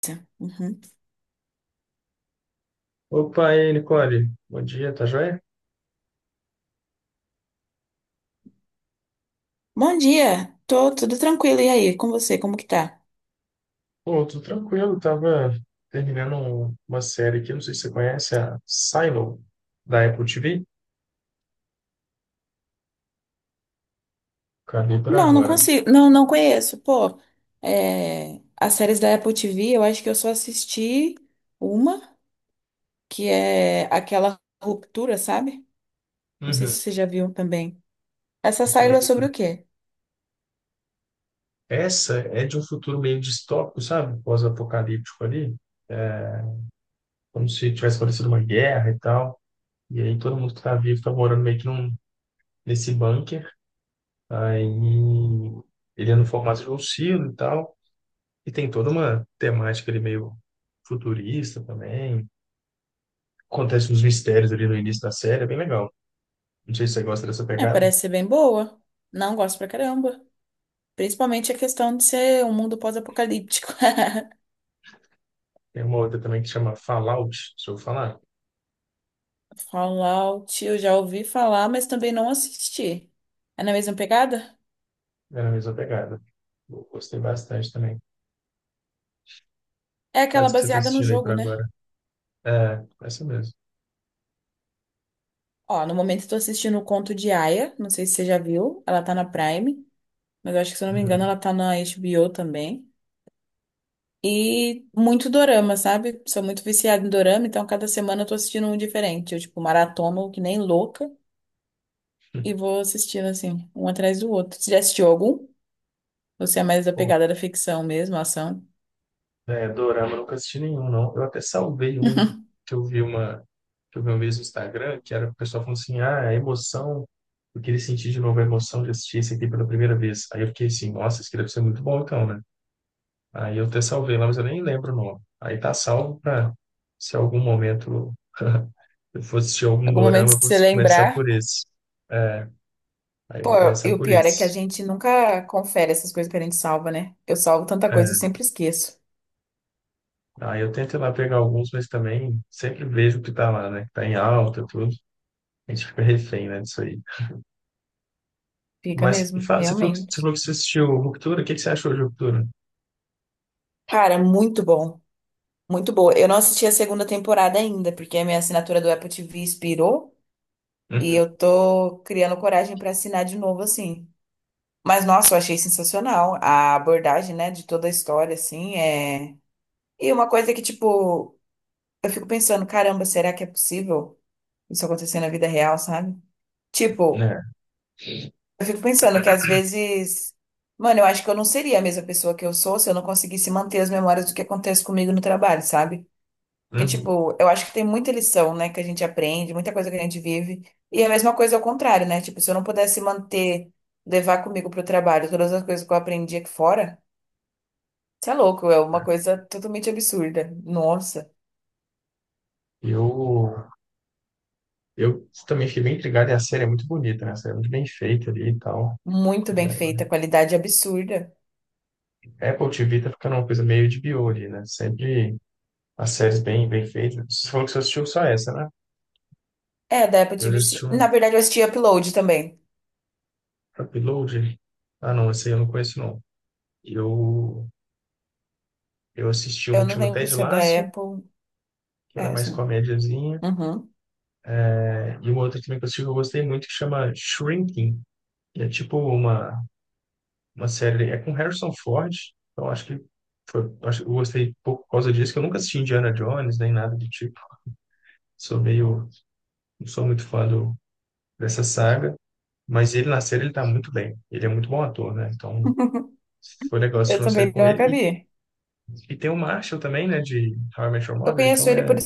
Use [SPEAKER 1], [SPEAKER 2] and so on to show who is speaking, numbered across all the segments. [SPEAKER 1] Tá. Uhum.
[SPEAKER 2] Opa, e aí, Nicole? Bom dia, tá joia?
[SPEAKER 1] Bom dia, tô tudo tranquilo. E aí, com você, como que tá?
[SPEAKER 2] Pô, tudo tranquilo, tava terminando uma série aqui, não sei se você conhece, a Silo, da Apple TV. Acabei por
[SPEAKER 1] Não, não
[SPEAKER 2] agora.
[SPEAKER 1] consigo, não, não conheço. Pô, é, as séries da Apple TV, eu acho que eu só assisti uma, que é aquela Ruptura, sabe? Não sei se
[SPEAKER 2] Uhum.
[SPEAKER 1] você já viu também. Essa
[SPEAKER 2] Essa
[SPEAKER 1] série
[SPEAKER 2] eu
[SPEAKER 1] é
[SPEAKER 2] vi
[SPEAKER 1] sobre o
[SPEAKER 2] também.
[SPEAKER 1] quê?
[SPEAKER 2] Essa é de um futuro meio distópico, sabe? Pós-apocalíptico ali, é, como se tivesse acontecido uma guerra e tal. E aí todo mundo que tá vivo tá morando meio nesse bunker. Aí ele é no formato de um silo e tal. E tem toda uma temática ali meio futurista também. Acontece uns mistérios ali no início da série, é bem legal. Não sei se você gosta dessa
[SPEAKER 1] É,
[SPEAKER 2] pegada.
[SPEAKER 1] parece ser bem boa. Não gosto pra caramba. Principalmente a questão de ser um mundo pós-apocalíptico.
[SPEAKER 2] Tem uma outra também que chama Fallout, se eu falar,
[SPEAKER 1] Fallout, eu já ouvi falar, mas também não assisti. É na mesma pegada?
[SPEAKER 2] é a mesma pegada. Eu gostei bastante também.
[SPEAKER 1] É aquela
[SPEAKER 2] Mas que você tá
[SPEAKER 1] baseada no
[SPEAKER 2] assistindo aí por
[SPEAKER 1] jogo, né?
[SPEAKER 2] agora? É, essa mesmo.
[SPEAKER 1] Ó, no momento estou assistindo o Conto de Aia, não sei se você já viu, ela tá na Prime, mas eu acho que se eu não me engano ela
[SPEAKER 2] Uhum.
[SPEAKER 1] tá na HBO também. E muito dorama, sabe? Sou muito viciada em dorama, então cada semana eu tô assistindo um diferente. Eu, tipo, maratono que nem louca e vou assistindo, assim, um atrás do outro. Você já assistiu algum? Você é mais da
[SPEAKER 2] Pô,
[SPEAKER 1] pegada da ficção mesmo, ação?
[SPEAKER 2] é, dorama, eu nunca assisti nenhum, não. Eu até salvei um que eu vi uma que eu vi uma vez no Instagram, que era o pessoal falando assim, ah, a emoção, eu queria sentir de novo a emoção de assistir esse aqui pela primeira vez. Aí eu fiquei assim, nossa, isso aqui deve ser muito bom então, né? Aí eu até salvei lá, mas eu nem lembro o nome. Aí tá salvo para se algum momento eu for assistir algum
[SPEAKER 1] Algum momento,
[SPEAKER 2] dorama, eu
[SPEAKER 1] se
[SPEAKER 2] vou
[SPEAKER 1] você
[SPEAKER 2] começar
[SPEAKER 1] lembrar.
[SPEAKER 2] por esse. É, aí eu
[SPEAKER 1] Pô,
[SPEAKER 2] vou
[SPEAKER 1] e
[SPEAKER 2] começar
[SPEAKER 1] o
[SPEAKER 2] por
[SPEAKER 1] pior é que a
[SPEAKER 2] esse.
[SPEAKER 1] gente nunca confere essas coisas que a gente salva, né? Eu salvo tanta coisa, eu
[SPEAKER 2] É,
[SPEAKER 1] sempre esqueço.
[SPEAKER 2] aí eu tento ir lá pegar alguns, mas também sempre vejo o que tá lá, né? Que tá em alta, tudo. A gente fica refém, né, disso aí.
[SPEAKER 1] Fica
[SPEAKER 2] Mas e
[SPEAKER 1] mesmo,
[SPEAKER 2] fala, você falou que você
[SPEAKER 1] realmente.
[SPEAKER 2] falou que você assistiu Ruptura, o que que você achou de Ruptura?
[SPEAKER 1] Cara, muito bom. Muito boa. Eu não assisti a segunda temporada ainda, porque a minha assinatura do Apple TV expirou e
[SPEAKER 2] Uhum,
[SPEAKER 1] eu tô criando coragem pra assinar de novo, assim. Mas, nossa, eu achei sensacional a abordagem, né, de toda a história, assim, é... E uma coisa que, tipo, eu fico pensando, caramba, será que é possível isso acontecer na vida real, sabe? Tipo,
[SPEAKER 2] né?
[SPEAKER 1] eu fico pensando que às vezes... Mano, eu acho que eu não seria a mesma pessoa que eu sou se eu não conseguisse manter as memórias do que acontece comigo no trabalho, sabe? Porque,
[SPEAKER 2] Uhum.
[SPEAKER 1] tipo, eu acho que tem muita lição, né, que a gente aprende, muita coisa que a gente vive. E é a mesma coisa ao contrário, né? Tipo, se eu não pudesse manter, levar comigo pro trabalho todas as coisas que eu aprendi aqui fora, isso é louco, é uma coisa totalmente absurda. Nossa,
[SPEAKER 2] Eu, eu também fiquei bem intrigado e a série é muito bonita, né? A série é muito bem feita ali e tal.
[SPEAKER 1] muito bem feita, qualidade absurda.
[SPEAKER 2] Apple TV tá ficando uma coisa meio de bio ali, né? Sempre as séries bem feitas. Você falou que você assistiu só essa, né?
[SPEAKER 1] É, da Apple
[SPEAKER 2] Eu já
[SPEAKER 1] TV,
[SPEAKER 2] assisti
[SPEAKER 1] sim. Na
[SPEAKER 2] uma
[SPEAKER 1] verdade, eu assisti Upload também.
[SPEAKER 2] Upload. Ah, não, essa aí eu não conheço, não. Eu, eu assisti
[SPEAKER 1] Eu
[SPEAKER 2] uma que
[SPEAKER 1] não
[SPEAKER 2] chama
[SPEAKER 1] lembro
[SPEAKER 2] Ted
[SPEAKER 1] se é da
[SPEAKER 2] Lasso,
[SPEAKER 1] Apple.
[SPEAKER 2] que ela é
[SPEAKER 1] É,
[SPEAKER 2] mais
[SPEAKER 1] sim.
[SPEAKER 2] comédiazinha.
[SPEAKER 1] Uhum.
[SPEAKER 2] Né? E uma outra também que eu assisti que eu gostei muito, que chama Shrinking. Que é tipo uma série... É com Harrison Ford. Então, acho que foi, acho, que eu gostei pouco por causa disso, que eu nunca assisti Indiana Jones, nem nada do tipo. Sou meio... Não sou muito fã dessa saga. Mas ele na série, ele tá muito bem. Ele é muito bom ator, né? Então, foi legal
[SPEAKER 1] Eu
[SPEAKER 2] assistir uma série
[SPEAKER 1] também
[SPEAKER 2] com
[SPEAKER 1] não
[SPEAKER 2] ele.
[SPEAKER 1] acabei.
[SPEAKER 2] E tem o Marshall também, né? De How I Met Your
[SPEAKER 1] Eu
[SPEAKER 2] Mother.
[SPEAKER 1] conheço
[SPEAKER 2] Então,
[SPEAKER 1] ele
[SPEAKER 2] é,
[SPEAKER 1] por.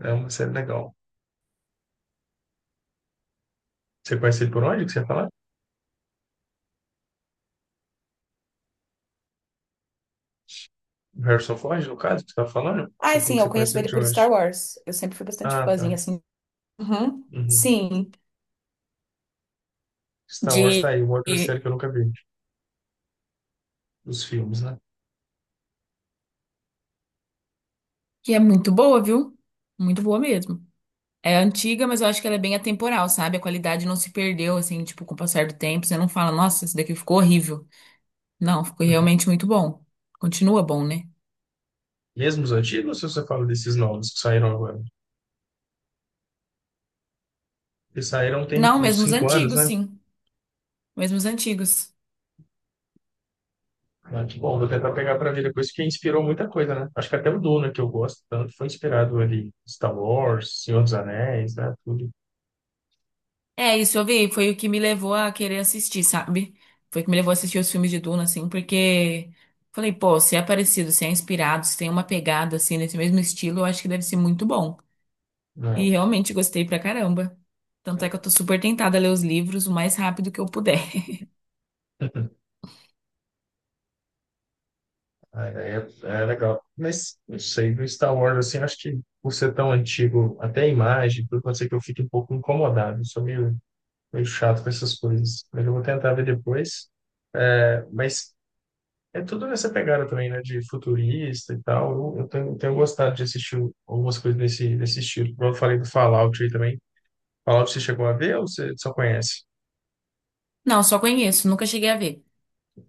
[SPEAKER 2] é uma série legal. Você conhece ele por onde que você ia falar? O Harrison Ford, no caso, que você tá falando?
[SPEAKER 1] Ah,
[SPEAKER 2] Você falou
[SPEAKER 1] sim,
[SPEAKER 2] que
[SPEAKER 1] eu
[SPEAKER 2] você conhece
[SPEAKER 1] conheço
[SPEAKER 2] ele
[SPEAKER 1] ele
[SPEAKER 2] de
[SPEAKER 1] por
[SPEAKER 2] onde?
[SPEAKER 1] Star Wars. Eu sempre fui bastante
[SPEAKER 2] Ah,
[SPEAKER 1] fãzinha,
[SPEAKER 2] tá.
[SPEAKER 1] assim. Uhum.
[SPEAKER 2] Uhum.
[SPEAKER 1] Sim,
[SPEAKER 2] Star Wars tá
[SPEAKER 1] de
[SPEAKER 2] aí, uma outra série que eu nunca vi. Os filmes, né?
[SPEAKER 1] que é muito boa, viu? Muito boa mesmo. É antiga, mas eu acho que ela é bem atemporal, sabe? A qualidade não se perdeu, assim, tipo, com o passar do tempo. Você não fala, nossa, isso daqui ficou horrível. Não, ficou
[SPEAKER 2] Uhum.
[SPEAKER 1] realmente muito bom. Continua bom, né?
[SPEAKER 2] Mesmo os antigos, ou se você fala desses novos que saíram agora? Que saíram tem
[SPEAKER 1] Não,
[SPEAKER 2] uns
[SPEAKER 1] mesmo os
[SPEAKER 2] cinco anos,
[SPEAKER 1] antigos,
[SPEAKER 2] né?
[SPEAKER 1] sim. Mesmo os antigos.
[SPEAKER 2] Ah, que bom, vou tentar pegar pra ver depois, que inspirou muita coisa, né? Acho que até o Duna, que eu gosto tanto, foi inspirado ali. Star Wars, Senhor dos Anéis, né? Tudo.
[SPEAKER 1] É, isso eu vi, foi o que me levou a querer assistir, sabe? Foi o que me levou a assistir os filmes de Duna, assim, porque falei, pô, se é parecido, se é inspirado, se tem uma pegada, assim, nesse mesmo estilo, eu acho que deve ser muito bom. E
[SPEAKER 2] Não.
[SPEAKER 1] realmente gostei pra caramba. Tanto é que eu tô super tentada a ler os livros o mais rápido que eu puder.
[SPEAKER 2] É, é, é legal. Mas, não sei, do Star Wars, assim, acho que por ser tão antigo, até a imagem, tudo pode ser que eu fique um pouco incomodado. Sou meio chato com essas coisas. Mas eu vou tentar ver depois. É, mas é tudo nessa pegada também, né? De futurista e tal. Eu tenho gostado de assistir algumas coisas desse estilo. Como eu falei do Fallout aí também. Fallout você chegou a ver ou você só conhece?
[SPEAKER 1] Não, só conheço, nunca cheguei a ver.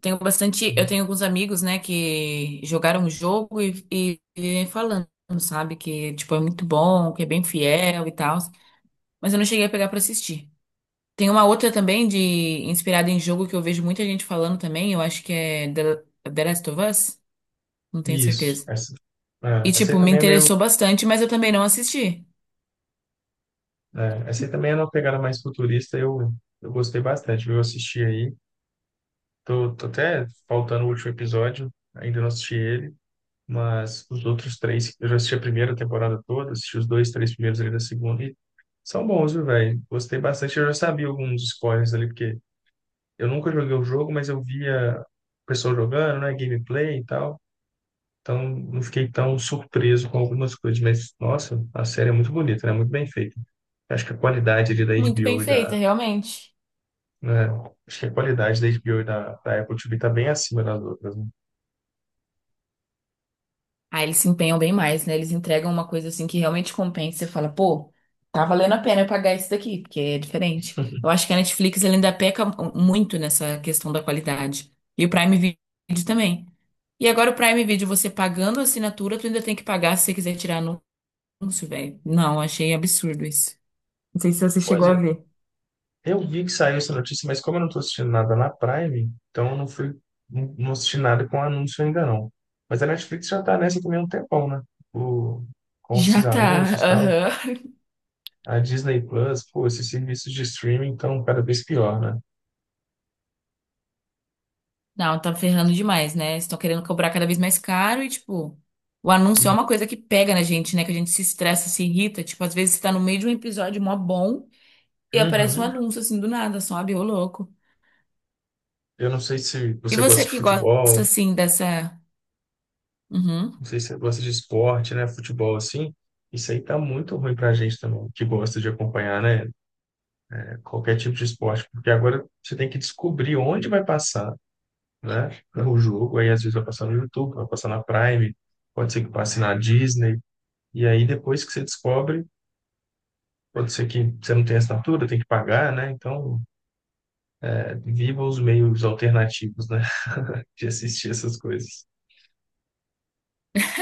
[SPEAKER 1] Tenho bastante, eu tenho alguns amigos, né, que jogaram o jogo e falando, sabe, que tipo é muito bom, que é bem fiel e tal, mas eu não cheguei a pegar pra assistir. Tem uma outra também de inspirada em jogo que eu vejo muita gente falando também, eu acho que é The Last of Us, não tenho
[SPEAKER 2] Isso.
[SPEAKER 1] certeza.
[SPEAKER 2] Essa, é,
[SPEAKER 1] E
[SPEAKER 2] essa
[SPEAKER 1] tipo,
[SPEAKER 2] aí
[SPEAKER 1] me
[SPEAKER 2] também é meio.
[SPEAKER 1] interessou bastante, mas eu também não assisti.
[SPEAKER 2] É, essa aí também é uma pegada mais futurista. Eu gostei bastante, viu? Eu assisti aí. Tô até faltando o último episódio, ainda não assisti ele, mas os outros três, eu já assisti a primeira temporada toda, assisti os dois, três primeiros ali da segunda e são bons, viu, velho? Gostei bastante. Eu já sabia alguns spoilers ali, porque eu nunca joguei o jogo, mas eu via o pessoal jogando, né? Gameplay e tal. Então, não fiquei tão surpreso com algumas coisas, mas, nossa, a série é muito bonita, né? Muito bem feita. Acho que a qualidade ali da
[SPEAKER 1] Muito
[SPEAKER 2] HBO
[SPEAKER 1] bem
[SPEAKER 2] e
[SPEAKER 1] feita,
[SPEAKER 2] da,
[SPEAKER 1] realmente.
[SPEAKER 2] né? Acho que a qualidade da HBO e da Apple TV tá bem acima das outras, né?
[SPEAKER 1] Aí eles se empenham bem mais, né? Eles entregam uma coisa assim que realmente compensa. Você fala, pô, tá valendo a pena eu pagar isso daqui, porque é diferente. Eu acho que a Netflix ela ainda peca muito nessa questão da qualidade. E o Prime Video também. E agora o Prime Video, você pagando a assinatura, tu ainda tem que pagar se você quiser tirar anúncio, velho. Não, achei absurdo isso. Não sei se você
[SPEAKER 2] Pois
[SPEAKER 1] chegou a
[SPEAKER 2] é.
[SPEAKER 1] ver.
[SPEAKER 2] Eu vi que saiu essa notícia, mas como eu não tô assistindo nada na Prime, então eu não fui, não assisti nada com anúncio ainda não. Mas a Netflix já tá nessa também há um tempão, né? O, com
[SPEAKER 1] Já
[SPEAKER 2] esses
[SPEAKER 1] tá,
[SPEAKER 2] anúncios e tal.
[SPEAKER 1] aham.
[SPEAKER 2] A Disney Plus, pô, esses serviços de streaming estão cada vez pior, né?
[SPEAKER 1] Não, tá ferrando demais, né? Estão querendo cobrar cada vez mais caro e, tipo, o anúncio é uma
[SPEAKER 2] Não.
[SPEAKER 1] coisa que pega na gente, né? Que a gente se estressa, se irrita. Tipo, às vezes você tá no meio de um episódio mó bom e aparece um
[SPEAKER 2] Uhum.
[SPEAKER 1] anúncio assim do nada, sabe? Ô louco.
[SPEAKER 2] Eu não sei se
[SPEAKER 1] E
[SPEAKER 2] você gosta
[SPEAKER 1] você
[SPEAKER 2] de
[SPEAKER 1] que gosta,
[SPEAKER 2] futebol,
[SPEAKER 1] assim, dessa. Uhum.
[SPEAKER 2] não sei se você gosta de esporte, né? Futebol assim. Isso aí tá muito ruim pra gente também, que gosta de acompanhar, né? Qualquer tipo de esporte, porque agora você tem que descobrir onde vai passar, né? O jogo, aí às vezes vai passar no YouTube, vai passar na Prime, pode ser que passe na Disney. E aí depois que você descobre, pode ser que você não tenha assinatura, tem que pagar, né? Então, é, viva os meios alternativos, né? De assistir essas coisas.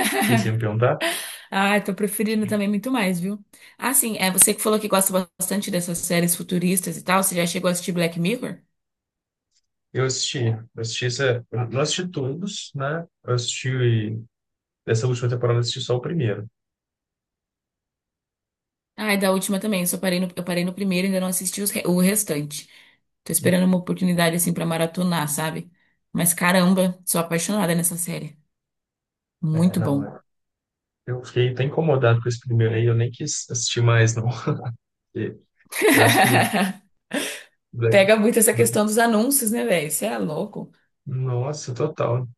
[SPEAKER 2] O que que você ia me perguntar?
[SPEAKER 1] Ah, eu tô preferindo também muito mais, viu? Ah, sim, é você que falou que gosta bastante dessas séries futuristas e tal. Você já chegou a assistir Black Mirror?
[SPEAKER 2] Eu assisti, eu assisti essa, eu não assisti todos, né? Dessa última temporada, eu assisti só o primeiro.
[SPEAKER 1] Ai, da última também. Eu só parei no, eu parei no primeiro e ainda não assisti os o restante. Tô esperando uma oportunidade assim pra maratonar, sabe? Mas caramba, sou apaixonada nessa série.
[SPEAKER 2] É,
[SPEAKER 1] Muito
[SPEAKER 2] não,
[SPEAKER 1] bom.
[SPEAKER 2] é. Eu fiquei tão incomodado com esse primeiro aí, eu nem quis assistir mais, não. E eu acho que. Black-
[SPEAKER 1] Pega muito essa questão dos anúncios, né, velho? Você é louco.
[SPEAKER 2] Nossa, total.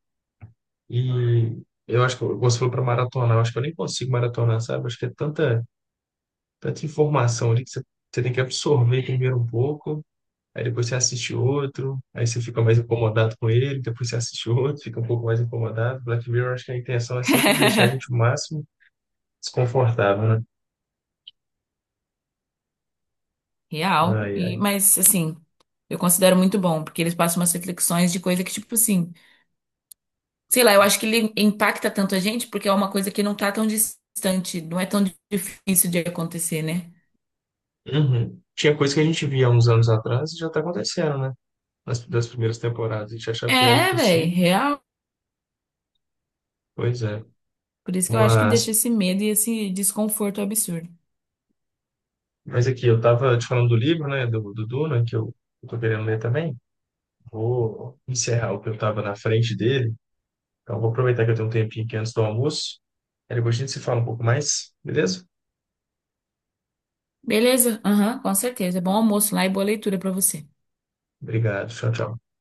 [SPEAKER 2] E eu acho você falou para maratonar, eu acho que eu nem consigo maratonar, sabe? Acho que é tanta informação ali você tem que absorver primeiro um pouco, aí depois você assiste outro, aí você fica mais incomodado com ele, depois você assiste outro, fica um pouco mais incomodado. Black Mirror, acho que a intenção é sempre deixar a gente o máximo desconfortável, né?
[SPEAKER 1] Real.
[SPEAKER 2] Ai,
[SPEAKER 1] E,
[SPEAKER 2] ai.
[SPEAKER 1] mas assim, eu considero muito bom, porque eles passam umas reflexões de coisa que, tipo assim, sei lá, eu acho que ele impacta tanto a gente porque é uma coisa que não tá tão distante, não é tão difícil de acontecer, né?
[SPEAKER 2] Uhum. Tinha coisa que a gente via há uns anos atrás e já tá acontecendo, né? Nas, das primeiras temporadas. A gente achava que era
[SPEAKER 1] É, velho,
[SPEAKER 2] impossível,
[SPEAKER 1] real.
[SPEAKER 2] pois é.
[SPEAKER 1] Por isso que eu acho que
[SPEAKER 2] Mas,
[SPEAKER 1] deixa esse medo e esse desconforto absurdo.
[SPEAKER 2] mas aqui, eu tava te falando do livro, né? Do Duna, eu tô querendo ler também. Vou encerrar o que eu tava na frente dele. Então, vou aproveitar que eu tenho um tempinho aqui antes do almoço. Aí depois a gente se fala um pouco mais, beleza?
[SPEAKER 1] Beleza? Aham, com certeza. Bom almoço lá e boa leitura pra você.
[SPEAKER 2] Obrigado. Tchau, tchau.